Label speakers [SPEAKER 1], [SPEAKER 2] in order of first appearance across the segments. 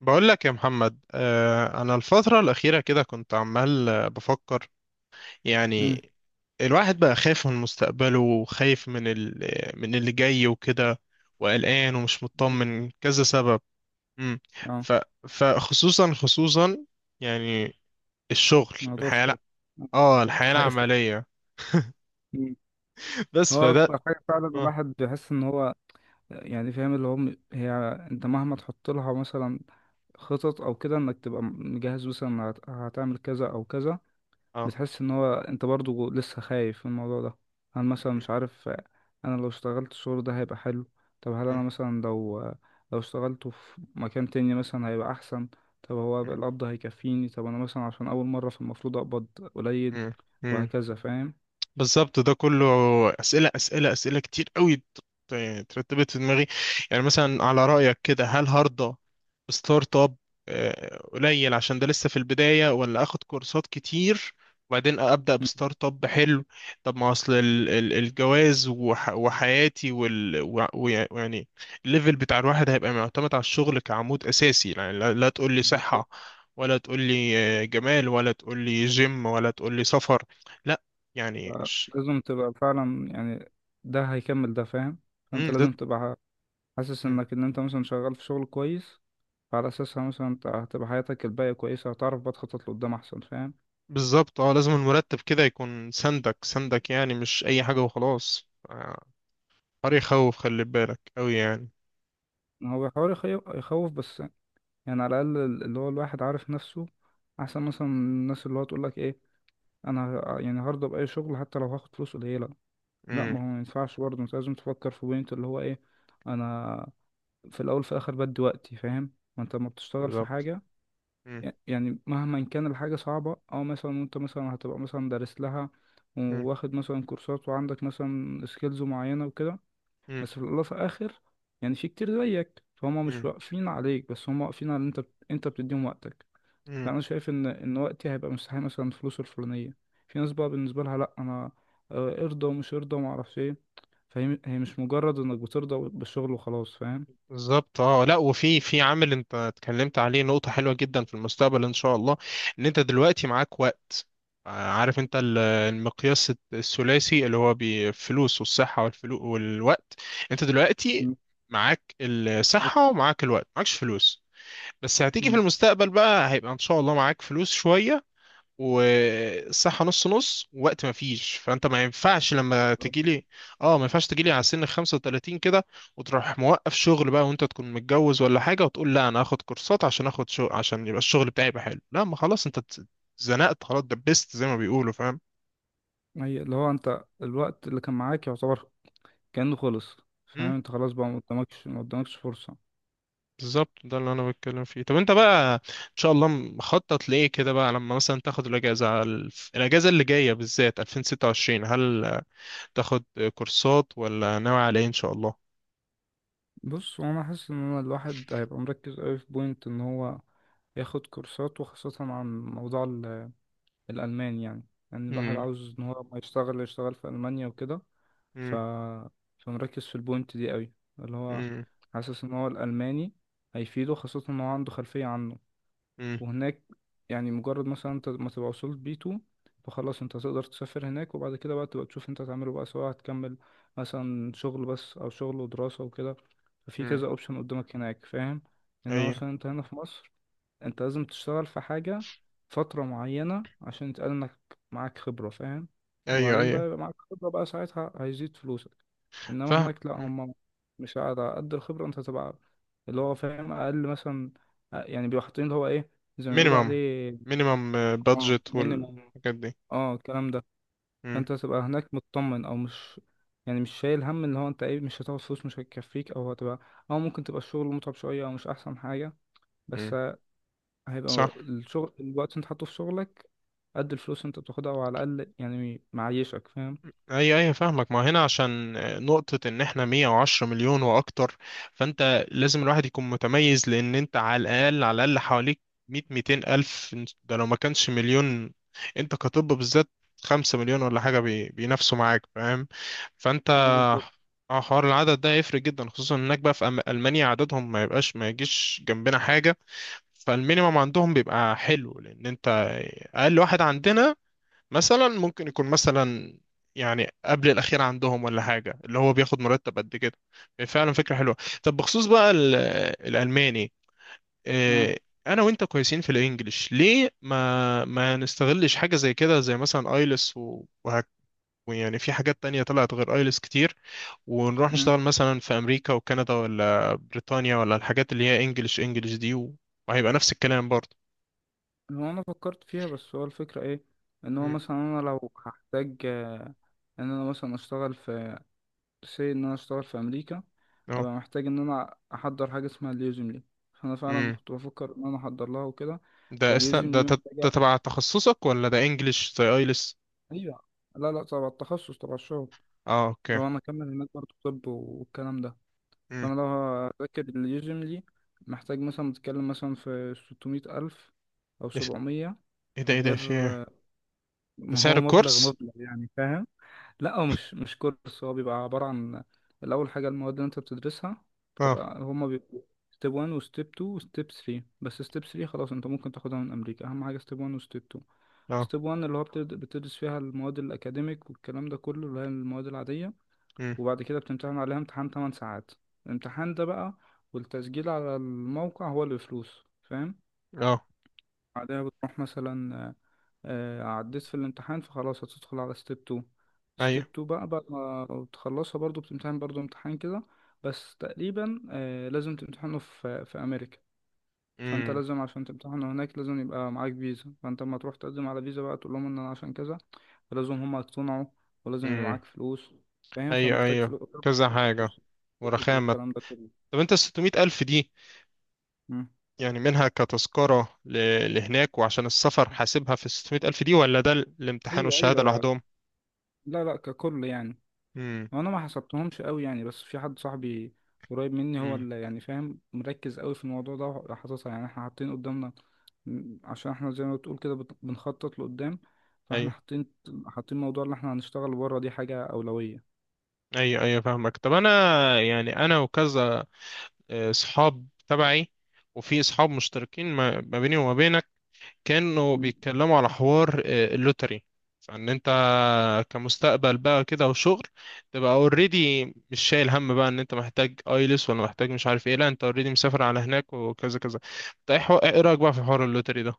[SPEAKER 1] بقول لك يا محمد انا الفترة الأخيرة كده كنت عمال بفكر
[SPEAKER 2] امم
[SPEAKER 1] يعني الواحد بقى خايف من مستقبله وخايف من اللي جاي وكده وقلقان ومش
[SPEAKER 2] أيوة.
[SPEAKER 1] مطمن كذا سبب. مم.
[SPEAKER 2] اه.
[SPEAKER 1] ف... فخصوصا يعني الشغل
[SPEAKER 2] موضوع
[SPEAKER 1] الحياة،
[SPEAKER 2] الشغل،
[SPEAKER 1] لا، اه
[SPEAKER 2] كنت
[SPEAKER 1] الحياة
[SPEAKER 2] حاسس.
[SPEAKER 1] العملية.
[SPEAKER 2] مم.
[SPEAKER 1] بس
[SPEAKER 2] هو
[SPEAKER 1] فده.
[SPEAKER 2] أكتر حاجة فعلا
[SPEAKER 1] اه.
[SPEAKER 2] الواحد بيحس إن هو يعني فاهم اللي هو هي. أنت مهما تحط لها مثلا خطط أو كده إنك تبقى مجهز مثلا هتعمل كذا أو كذا.
[SPEAKER 1] اه.
[SPEAKER 2] بتحس ان هو انت برضو لسه خايف من الموضوع ده. انا مثلا مش عارف. انا لو اشتغلت الشغل ده هيبقى حلو. طب هل
[SPEAKER 1] مم.
[SPEAKER 2] انا مثلا لو اشتغلته في مكان تاني مثلا هيبقى احسن. طب هو القبض هيكفيني؟ طب انا مثلا عشان اول مرة فالمفروض اقبض قليل،
[SPEAKER 1] مم. مم.
[SPEAKER 2] وهكذا، فاهم؟
[SPEAKER 1] بالظبط، ده كله أسئلة كتير قوي يعني ترتبت في دماغي. يعني مثلا على رأيك كده، هل هرضى بستارت اب قليل عشان ده لسه في البداية، ولا آخد كورسات كتير وبعدين أبدأ
[SPEAKER 2] مم.
[SPEAKER 1] بستارت اب حلو؟ طب ما أصل الجواز وحياتي ويعني الليفل بتاع الواحد هيبقى معتمد على الشغل كعمود أساسي. يعني لا، لا تقول لي
[SPEAKER 2] بالظبط.
[SPEAKER 1] صحة ولا تقول لي جمال ولا تقول لي جيم ولا تقول لي سفر، لا، يعني
[SPEAKER 2] آه،
[SPEAKER 1] ش...
[SPEAKER 2] لازم تبقى فعلا، يعني ده هيكمل ده، فاهم؟ فانت
[SPEAKER 1] مم، لا-
[SPEAKER 2] لازم تبقى حاسس
[SPEAKER 1] مم،
[SPEAKER 2] انك ان انت مثلا شغال في شغل كويس، فعلى اساسها مثلا انت هتبقى حياتك الباقية كويسة، هتعرف بقى تخطط لقدام احسن، فاهم؟
[SPEAKER 1] بالظبط. اه، لازم المرتب كده يكون سندك، سندك، يعني مش اي حاجة وخلاص. حر يخوف، خلي بالك قوي يعني.
[SPEAKER 2] هو بيحاول يخيف يخوف بس، يعني على الأقل اللي هو الواحد عارف نفسه أحسن مثلا من الناس اللي هو تقولك إيه، أنا يعني هرضى بأي شغل حتى لو هاخد فلوس قليلة. لأ،
[SPEAKER 1] امم.
[SPEAKER 2] ما هو ما ينفعش برضه، أنت لازم تفكر في بوينت اللي هو إيه. أنا في الأول في الآخر بدي وقتي، فاهم؟ ما أنت لما بتشتغل في
[SPEAKER 1] بالظبط.
[SPEAKER 2] حاجة،
[SPEAKER 1] امم.
[SPEAKER 2] يعني مهما كان الحاجة صعبة أو مثلا أنت مثلا هتبقى مثلا دارس لها، وواخد مثلا كورسات وعندك مثلا سكيلز معينة وكده،
[SPEAKER 1] امم.
[SPEAKER 2] بس في الأول وفي الآخر، يعني في كتير زيك فهم مش واقفين عليك، بس هم واقفين على إن أنت بتديهم وقتك.
[SPEAKER 1] امم.
[SPEAKER 2] فأنا شايف إن وقتي هيبقى مستحيل مثلا الفلوس الفلانية. في ناس بقى بالنسبة لها لأ، أنا ارضى ومش ارضى ومعرفش إيه. فهي مش مجرد إنك بترضى بالشغل وخلاص، فاهم؟
[SPEAKER 1] بالظبط. اه، لا، وفي عامل انت اتكلمت عليه، نقطة حلوة جدا في المستقبل ان شاء الله، ان انت دلوقتي معاك وقت. عارف انت المقياس الثلاثي اللي هو بالفلوس والصحة والفلو والوقت؟ انت دلوقتي
[SPEAKER 2] مم.
[SPEAKER 1] معاك
[SPEAKER 2] معاك.
[SPEAKER 1] الصحة ومعاك الوقت، معكش فلوس، بس هتيجي في
[SPEAKER 2] مم.
[SPEAKER 1] المستقبل بقى، هيبقى ان شاء الله معاك فلوس شوية، والصحة نص نص، وقت ما فيش. فانت ما ينفعش لما تجي
[SPEAKER 2] بالظبط.
[SPEAKER 1] لي، اه، ما ينفعش تجي لي على سن 35 كده وتروح موقف شغل بقى وانت تكون متجوز ولا حاجة وتقول لا انا هاخد كورسات عشان اخد شغل عشان يبقى الشغل بتاعي يبقى حلو. لا، ما خلاص، انت اتزنقت خلاص، دبست زي ما بيقولوا، فاهم؟
[SPEAKER 2] هي اللي هو أنت الوقت اللي كان معاك يعتبر كأنه خلص، فاهم؟
[SPEAKER 1] مم،
[SPEAKER 2] أنت خلاص بقى، ما قدامكش فرصة.
[SPEAKER 1] بالظبط، ده اللي انا بتكلم فيه. طب انت بقى ان شاء الله مخطط ليه كده بقى، لما مثلا تاخد الاجازة على الاجازة اللي جاية بالذات 2026، هل تاخد كورسات ولا ناوي على ايه ان شاء
[SPEAKER 2] بص، وانا حاسس ان انا الواحد هيبقى مركز قوي في بوينت ان هو ياخد كورسات، وخاصة عن موضوع الالمان يعني. يعني الواحد
[SPEAKER 1] الله؟
[SPEAKER 2] عاوز ان هو لما يشتغل في المانيا وكده. ف
[SPEAKER 1] مم.
[SPEAKER 2] فمركز في البوينت دي قوي، اللي هو
[SPEAKER 1] مم.
[SPEAKER 2] حاسس ان هو الالماني هيفيده، خاصة ان هو عنده خلفية عنه.
[SPEAKER 1] مم.
[SPEAKER 2] وهناك يعني مجرد مثلا انت ما تبقى وصلت بي 2، فخلاص انت تقدر تسافر هناك، وبعد كده بقى تبقى تشوف انت هتعمله بقى، سواء هتكمل مثلا شغل بس او شغل ودراسة وكده. ففي
[SPEAKER 1] مم.
[SPEAKER 2] كذا اوبشن قدامك هناك، فاهم؟ انما
[SPEAKER 1] ايوه،
[SPEAKER 2] مثلا انت هنا في مصر، انت لازم تشتغل في حاجة فترة معينة عشان يتقال انك معاك خبرة، فاهم؟
[SPEAKER 1] ايوه،
[SPEAKER 2] وبعدين
[SPEAKER 1] ايوه
[SPEAKER 2] بقى يبقى معاك خبرة، بقى ساعتها هيزيد فلوسك. انما
[SPEAKER 1] فاهم.
[SPEAKER 2] هناك لا، هم مش على قد الخبرة انت تبقى اللي هو فاهم اقل مثلا، يعني بيبقوا حاطين اللي هو ايه زي ما بيقولوا
[SPEAKER 1] مينيمم،
[SPEAKER 2] عليه،
[SPEAKER 1] مينيمم
[SPEAKER 2] اه
[SPEAKER 1] بادجت
[SPEAKER 2] مينيمم.
[SPEAKER 1] والحاجات دي.
[SPEAKER 2] اه الكلام ده.
[SPEAKER 1] مم.
[SPEAKER 2] فانت تبقى هناك مطمن او مش، يعني مش شايل هم اللي هو انت ايه، مش هتاخد فلوس مش هتكفيك او هتبقى، او ممكن تبقى الشغل متعب شوية او مش احسن حاجة.
[SPEAKER 1] مم.
[SPEAKER 2] بس هيبقى
[SPEAKER 1] صح.
[SPEAKER 2] الشغل، الوقت اللي انت حاطه في شغلك قد الفلوس اللي انت بتاخدها، او على الاقل يعني معيشك، فاهم؟
[SPEAKER 1] ايوه، ايوه فاهمك. ما هنا عشان نقطة ان احنا 110 مليون واكتر، فانت لازم الواحد يكون متميز، لان انت على الاقل، على الاقل حواليك 100 200 الف، ده لو ما كانش مليون. انت كطب بالذات 5 مليون ولا حاجة بينافسوا معاك، فاهم؟ فانت
[SPEAKER 2] اه بالظبط.
[SPEAKER 1] اه، حوار العدد ده هيفرق جدا، خصوصا هناك بقى في المانيا عددهم ما يبقاش، ما يجيش جنبنا حاجة. فالمينيمم عندهم بيبقى حلو، لان انت اقل واحد عندنا مثلا ممكن يكون مثلا يعني قبل الأخير عندهم ولا حاجة، اللي هو بياخد مرتب قد كده. فعلا فكرة حلوة. طب بخصوص بقى الألماني،
[SPEAKER 2] اه.
[SPEAKER 1] آه، أنا وأنت كويسين في الإنجليش، ليه ما نستغلش حاجة زي كده، زي مثلا أيلس وهك، ويعني في حاجات تانية طلعت غير أيلس كتير، ونروح
[SPEAKER 2] مم.
[SPEAKER 1] نشتغل مثلا في أمريكا وكندا ولا بريطانيا ولا الحاجات اللي هي إنجليش إنجليش دي، وهيبقى نفس الكلام برضه.
[SPEAKER 2] هو انا فكرت فيها، بس هو الفكرة ايه؟ ان هو
[SPEAKER 1] مم.
[SPEAKER 2] مثلا انا لو هحتاج ان انا مثلا اشتغل في سي ان انا اشتغل في امريكا،
[SPEAKER 1] اه،
[SPEAKER 2] هبقى محتاج ان انا احضر حاجة اسمها اليوزم لي، فانا فعلا كنت بفكر ان انا احضر لها وكده. فاليوزم لي محتاجة.
[SPEAKER 1] ده تبع تخصصك ولا ده انجليش زي ايلس؟
[SPEAKER 2] ايوه. لا، لا، طبعا التخصص تبع الشغل.
[SPEAKER 1] اه اوكي.
[SPEAKER 2] لو انا اكمل هناك برضه، طب والكلام ده.
[SPEAKER 1] امم.
[SPEAKER 2] فأنا لو هذاكر اليوجملي، محتاج مثلا بتكلم مثلا في 600 ألف أو
[SPEAKER 1] ده س-
[SPEAKER 2] 700،
[SPEAKER 1] ايه ده، ايه ده
[SPEAKER 2] غير،
[SPEAKER 1] في إيه؟ ده
[SPEAKER 2] ما
[SPEAKER 1] سعر
[SPEAKER 2] هو مبلغ
[SPEAKER 1] الكورس؟
[SPEAKER 2] مبلغ يعني، فاهم؟ لا، هو مش كورس، هو بيبقى عبارة عن الأول حاجة المواد اللي أنت بتدرسها
[SPEAKER 1] اه.
[SPEAKER 2] بتبقى هما بيبقوا ستيب 1 وستيب 2 وستيب 3، بس ستيب 3 خلاص أنت ممكن تاخدها من أمريكا، أهم حاجة ستيب 1 وستيب 2.
[SPEAKER 1] اه.
[SPEAKER 2] ستيب 1 اللي هو بتدرس فيها المواد الأكاديميك والكلام ده كله، اللي هي المواد العادية.
[SPEAKER 1] امم.
[SPEAKER 2] وبعد كده بتمتحن عليها امتحان 8 ساعات. الامتحان ده بقى والتسجيل على الموقع هو اللي بفلوس، فاهم؟
[SPEAKER 1] اه.
[SPEAKER 2] بعدها بتروح مثلا، عديت في الامتحان فخلاص هتدخل على ستيب 2. ستيب
[SPEAKER 1] ايوه.
[SPEAKER 2] 2 بقى، بعد ما بتخلصها برضو بتمتحن برضو امتحان كده. بس تقريبا لازم تمتحنه في أمريكا. فانت
[SPEAKER 1] امم.
[SPEAKER 2] لازم، عشان تمتحن هناك لازم يبقى معاك فيزا، فانت لما تروح تقدم على فيزا بقى تقول لهم ان انا عشان كذا، فلازم هم يقتنعوا، ولازم يبقى
[SPEAKER 1] امم.
[SPEAKER 2] معاك فلوس، فاهم؟
[SPEAKER 1] ايوه،
[SPEAKER 2] فمحتاج
[SPEAKER 1] ايوه،
[SPEAKER 2] فلوس طبعا،
[SPEAKER 1] كذا
[SPEAKER 2] فلوس
[SPEAKER 1] حاجة
[SPEAKER 2] الكورس
[SPEAKER 1] ورخامة.
[SPEAKER 2] والكلام ده كله.
[SPEAKER 1] طب انت الستمية ألف دي
[SPEAKER 2] مم.
[SPEAKER 1] يعني منها كتذكرة لهناك وعشان السفر حاسبها في الستمية ألف دي، ولا الامتحان
[SPEAKER 2] ايوه،
[SPEAKER 1] والشهادة
[SPEAKER 2] ايوه.
[SPEAKER 1] لوحدهم؟
[SPEAKER 2] لا، لا، ككل يعني.
[SPEAKER 1] امم.
[SPEAKER 2] وانا ما حسبتهمش قوي يعني، بس في حد صاحبي قريب مني هو
[SPEAKER 1] امم.
[SPEAKER 2] اللي يعني فاهم مركز قوي في الموضوع ده، وحاططها يعني احنا حاطين قدامنا. عشان احنا زي ما بتقول كده بنخطط لقدام، فاحنا
[SPEAKER 1] ايوه،
[SPEAKER 2] حاطين موضوع اللي احنا هنشتغل بره دي حاجة أولوية.
[SPEAKER 1] ايوه، ايوه فاهمك. طب انا يعني انا وكذا صحاب تبعي، وفي صحاب مشتركين ما بيني وما بينك كانوا بيتكلموا على حوار اللوتري، فان انت كمستقبل بقى كده وشغل تبقى اوريدي، مش شايل هم بقى ان انت محتاج ايلس ولا محتاج مش عارف ايه، لا، انت اوريدي مسافر على هناك وكذا كذا. انت ايه إيه رايك بقى في حوار اللوتري ده؟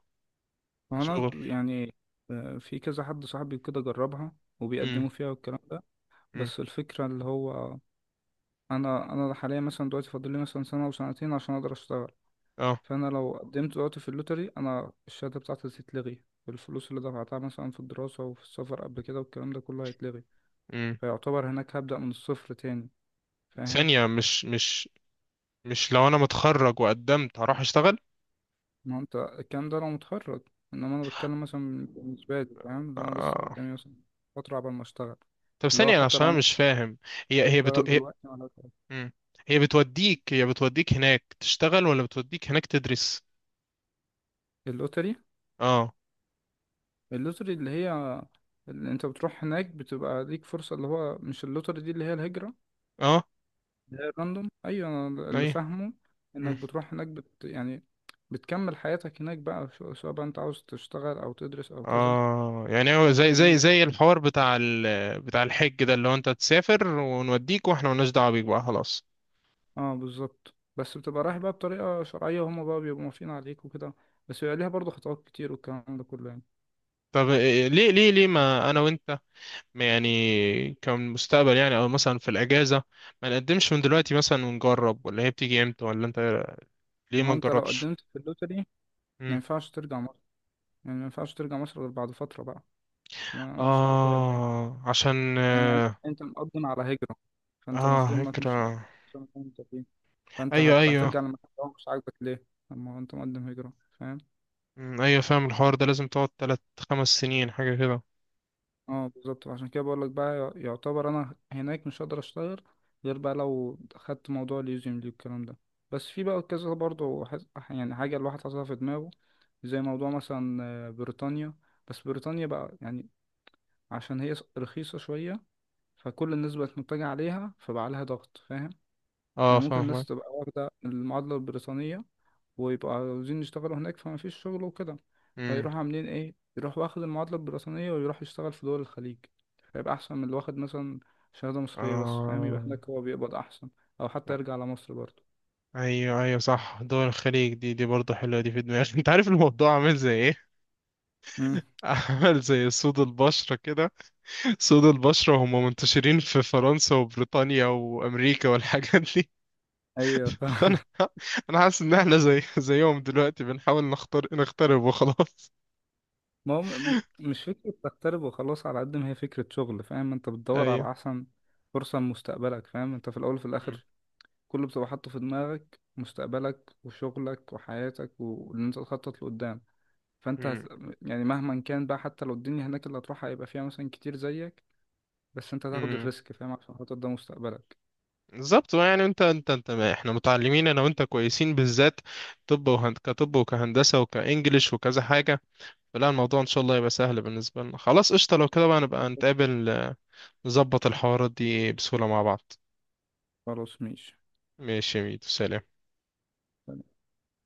[SPEAKER 2] ما انا
[SPEAKER 1] شغل.
[SPEAKER 2] يعني في كذا حد صاحبي كده جربها
[SPEAKER 1] امم.
[SPEAKER 2] وبيقدموا فيها والكلام ده.
[SPEAKER 1] امم.
[SPEAKER 2] بس الفكرة اللي هو انا حاليا مثلا دلوقتي فاضل لي مثلا سنة او سنتين عشان اقدر اشتغل.
[SPEAKER 1] اه.
[SPEAKER 2] فانا لو قدمت دلوقتي في اللوتري، انا الشهادة بتاعتي هتتلغي، الفلوس اللي دفعتها مثلا في الدراسة وفي السفر قبل كده والكلام ده كله هيتلغي.
[SPEAKER 1] امم.
[SPEAKER 2] فيعتبر هناك هبدأ من الصفر تاني، فاهم؟
[SPEAKER 1] ثانية، مش مش لو انا متخرج وقدمت هروح اشتغل؟
[SPEAKER 2] ما هو انت الكلام ده لو متخرج، انما انا بتكلم مثلا بالنسبة لي فاهم، اللي انا لسه
[SPEAKER 1] آه.
[SPEAKER 2] قدامي مثلا فترة قبل ما اشتغل،
[SPEAKER 1] طب
[SPEAKER 2] اللي هو
[SPEAKER 1] ثانية أنا
[SPEAKER 2] حتى
[SPEAKER 1] عشان
[SPEAKER 2] لو
[SPEAKER 1] انا مش فاهم، هي هي بتو...
[SPEAKER 2] بشتغل دلوقتي ولا شغل؟
[SPEAKER 1] مم. هي بتوديك، هي بتوديك هناك تشتغل ولا بتوديك هناك تدرس؟
[SPEAKER 2] اللوتري.
[SPEAKER 1] اه.
[SPEAKER 2] اللوتري اللي هي، اللي انت بتروح هناك بتبقى ليك فرصة، اللي هو مش اللوتري دي اللي هي الهجرة،
[SPEAKER 1] اه.
[SPEAKER 2] اللي هي الراندوم. ايوه انا اللي
[SPEAKER 1] اي.
[SPEAKER 2] فاهمه انك
[SPEAKER 1] مم.
[SPEAKER 2] بتروح هناك يعني بتكمل حياتك هناك بقى، سواء بقى انت عاوز تشتغل او تدرس او كذا
[SPEAKER 1] اه، يعني هو زي
[SPEAKER 2] الكلام
[SPEAKER 1] زي
[SPEAKER 2] ده.
[SPEAKER 1] زي الحوار بتاع بتاع الحج ده، اللي هو انت تسافر ونوديك واحنا ملناش دعوه بيك بقى، خلاص.
[SPEAKER 2] اه بالظبط، بس بتبقى رايح بقى بطريقة شرعية وهما بقى بيبقوا موافقين عليك وكده، بس بيبقى ليها برضه خطوات كتير والكلام ده كله يعني.
[SPEAKER 1] طب ليه ما انا وانت، ما يعني كمستقبل يعني او مثلا في الاجازه، ما نقدمش من دلوقتي مثلا ونجرب؟ ولا هي بتيجي امتى؟ ولا انت إيه رأيك؟ ليه
[SPEAKER 2] ما هو
[SPEAKER 1] ما
[SPEAKER 2] انت لو
[SPEAKER 1] نجربش؟
[SPEAKER 2] قدمت في اللوتري ما
[SPEAKER 1] مم.
[SPEAKER 2] ينفعش ترجع مصر، يعني ما ينفعش ترجع مصر غير بعد فترة بقى، انا مش عارف ايه قد ايه.
[SPEAKER 1] اه، عشان
[SPEAKER 2] فاهم؟ يعني
[SPEAKER 1] اه،
[SPEAKER 2] انت مقدم على هجرة، فانت المفروض انك مش
[SPEAKER 1] فكره.
[SPEAKER 2] عشان مكان انت فيه فانت
[SPEAKER 1] ايوه، ايوه.
[SPEAKER 2] هترجع للمكان ده مش عاجبك ليه، اما هو انت مقدم هجرة، فاهم؟
[SPEAKER 1] مم، ايوه فاهم. الحوار ده لازم تقعد تلات خمس سنين حاجة كده.
[SPEAKER 2] اه بالظبط، عشان كده بقول لك بقى، يعتبر انا هناك مش هقدر اشتغل غير بقى لو خدت موضوع اليوزيم دي والكلام ده. بس في بقى كذا برضه يعني حاجة الواحد حاططها في دماغه، زي موضوع مثلا بريطانيا. بس بريطانيا بقى يعني، عشان هي رخيصة شوية، فكل الناس بقت متجهة عليها فبقى عليها ضغط، فاهم؟
[SPEAKER 1] اه
[SPEAKER 2] يعني ممكن الناس
[SPEAKER 1] فاهمك.
[SPEAKER 2] تبقى واخدة المعادلة البريطانية، ويبقوا عاوزين يشتغلوا هناك فما فيش شغل وكده،
[SPEAKER 1] امم.
[SPEAKER 2] فيروحوا عاملين ايه، يروح واخد المعادلة البريطانية ويروح يشتغل في دول الخليج، فيبقى أحسن من اللي واخد مثلا شهادة مصرية بس، فاهم؟ يبقى
[SPEAKER 1] آه.
[SPEAKER 2] هناك هو بيقبض أحسن، أو حتى يرجع على مصر برضه.
[SPEAKER 1] ايوه، ايوه، صح، دول الخليج دي، دي برضه حلوة دي في دماغي. انت عارف الموضوع عامل زي ايه؟
[SPEAKER 2] امم.
[SPEAKER 1] عامل زي سود البشرة كده، سود البشرة هم منتشرين في فرنسا وبريطانيا وامريكا والحاجات دي.
[SPEAKER 2] ايوه فاهم.
[SPEAKER 1] فانا، انا حاسس ان احنا زي زيهم دلوقتي، بنحاول نختار نخترب وخلاص.
[SPEAKER 2] ما هو مش فكرة تغترب وخلاص على قد ما هي فكرة شغل، فاهم؟ انت بتدور
[SPEAKER 1] ايوه.
[SPEAKER 2] على أحسن فرصة لمستقبلك، فاهم؟ انت في الأول وفي
[SPEAKER 1] مم.
[SPEAKER 2] الآخر كله بتبقى حاطه في دماغك مستقبلك وشغلك وحياتك واللي انت تخطط لقدام. فانت
[SPEAKER 1] مم.
[SPEAKER 2] يعني مهما كان بقى حتى لو الدنيا هناك اللي هتروحها هيبقى فيها مثلا كتير زيك، بس انت هتاخد
[SPEAKER 1] مم.
[SPEAKER 2] الريسك فاهم، عشان خاطر ده مستقبلك.
[SPEAKER 1] بالظبط، يعني انت ما احنا متعلمين، انا وانت كويسين بالذات، طب وهند كطب وكهندسه وكانجليش وكذا حاجه، فلا، الموضوع ان شاء الله يبقى سهل بالنسبه لنا. خلاص، قشطه، لو كده بقى نبقى نتقابل، نظبط الحوارات دي بسهوله مع بعض.
[SPEAKER 2] خلاص ماشي.
[SPEAKER 1] ماشي يا ميدو، سلام.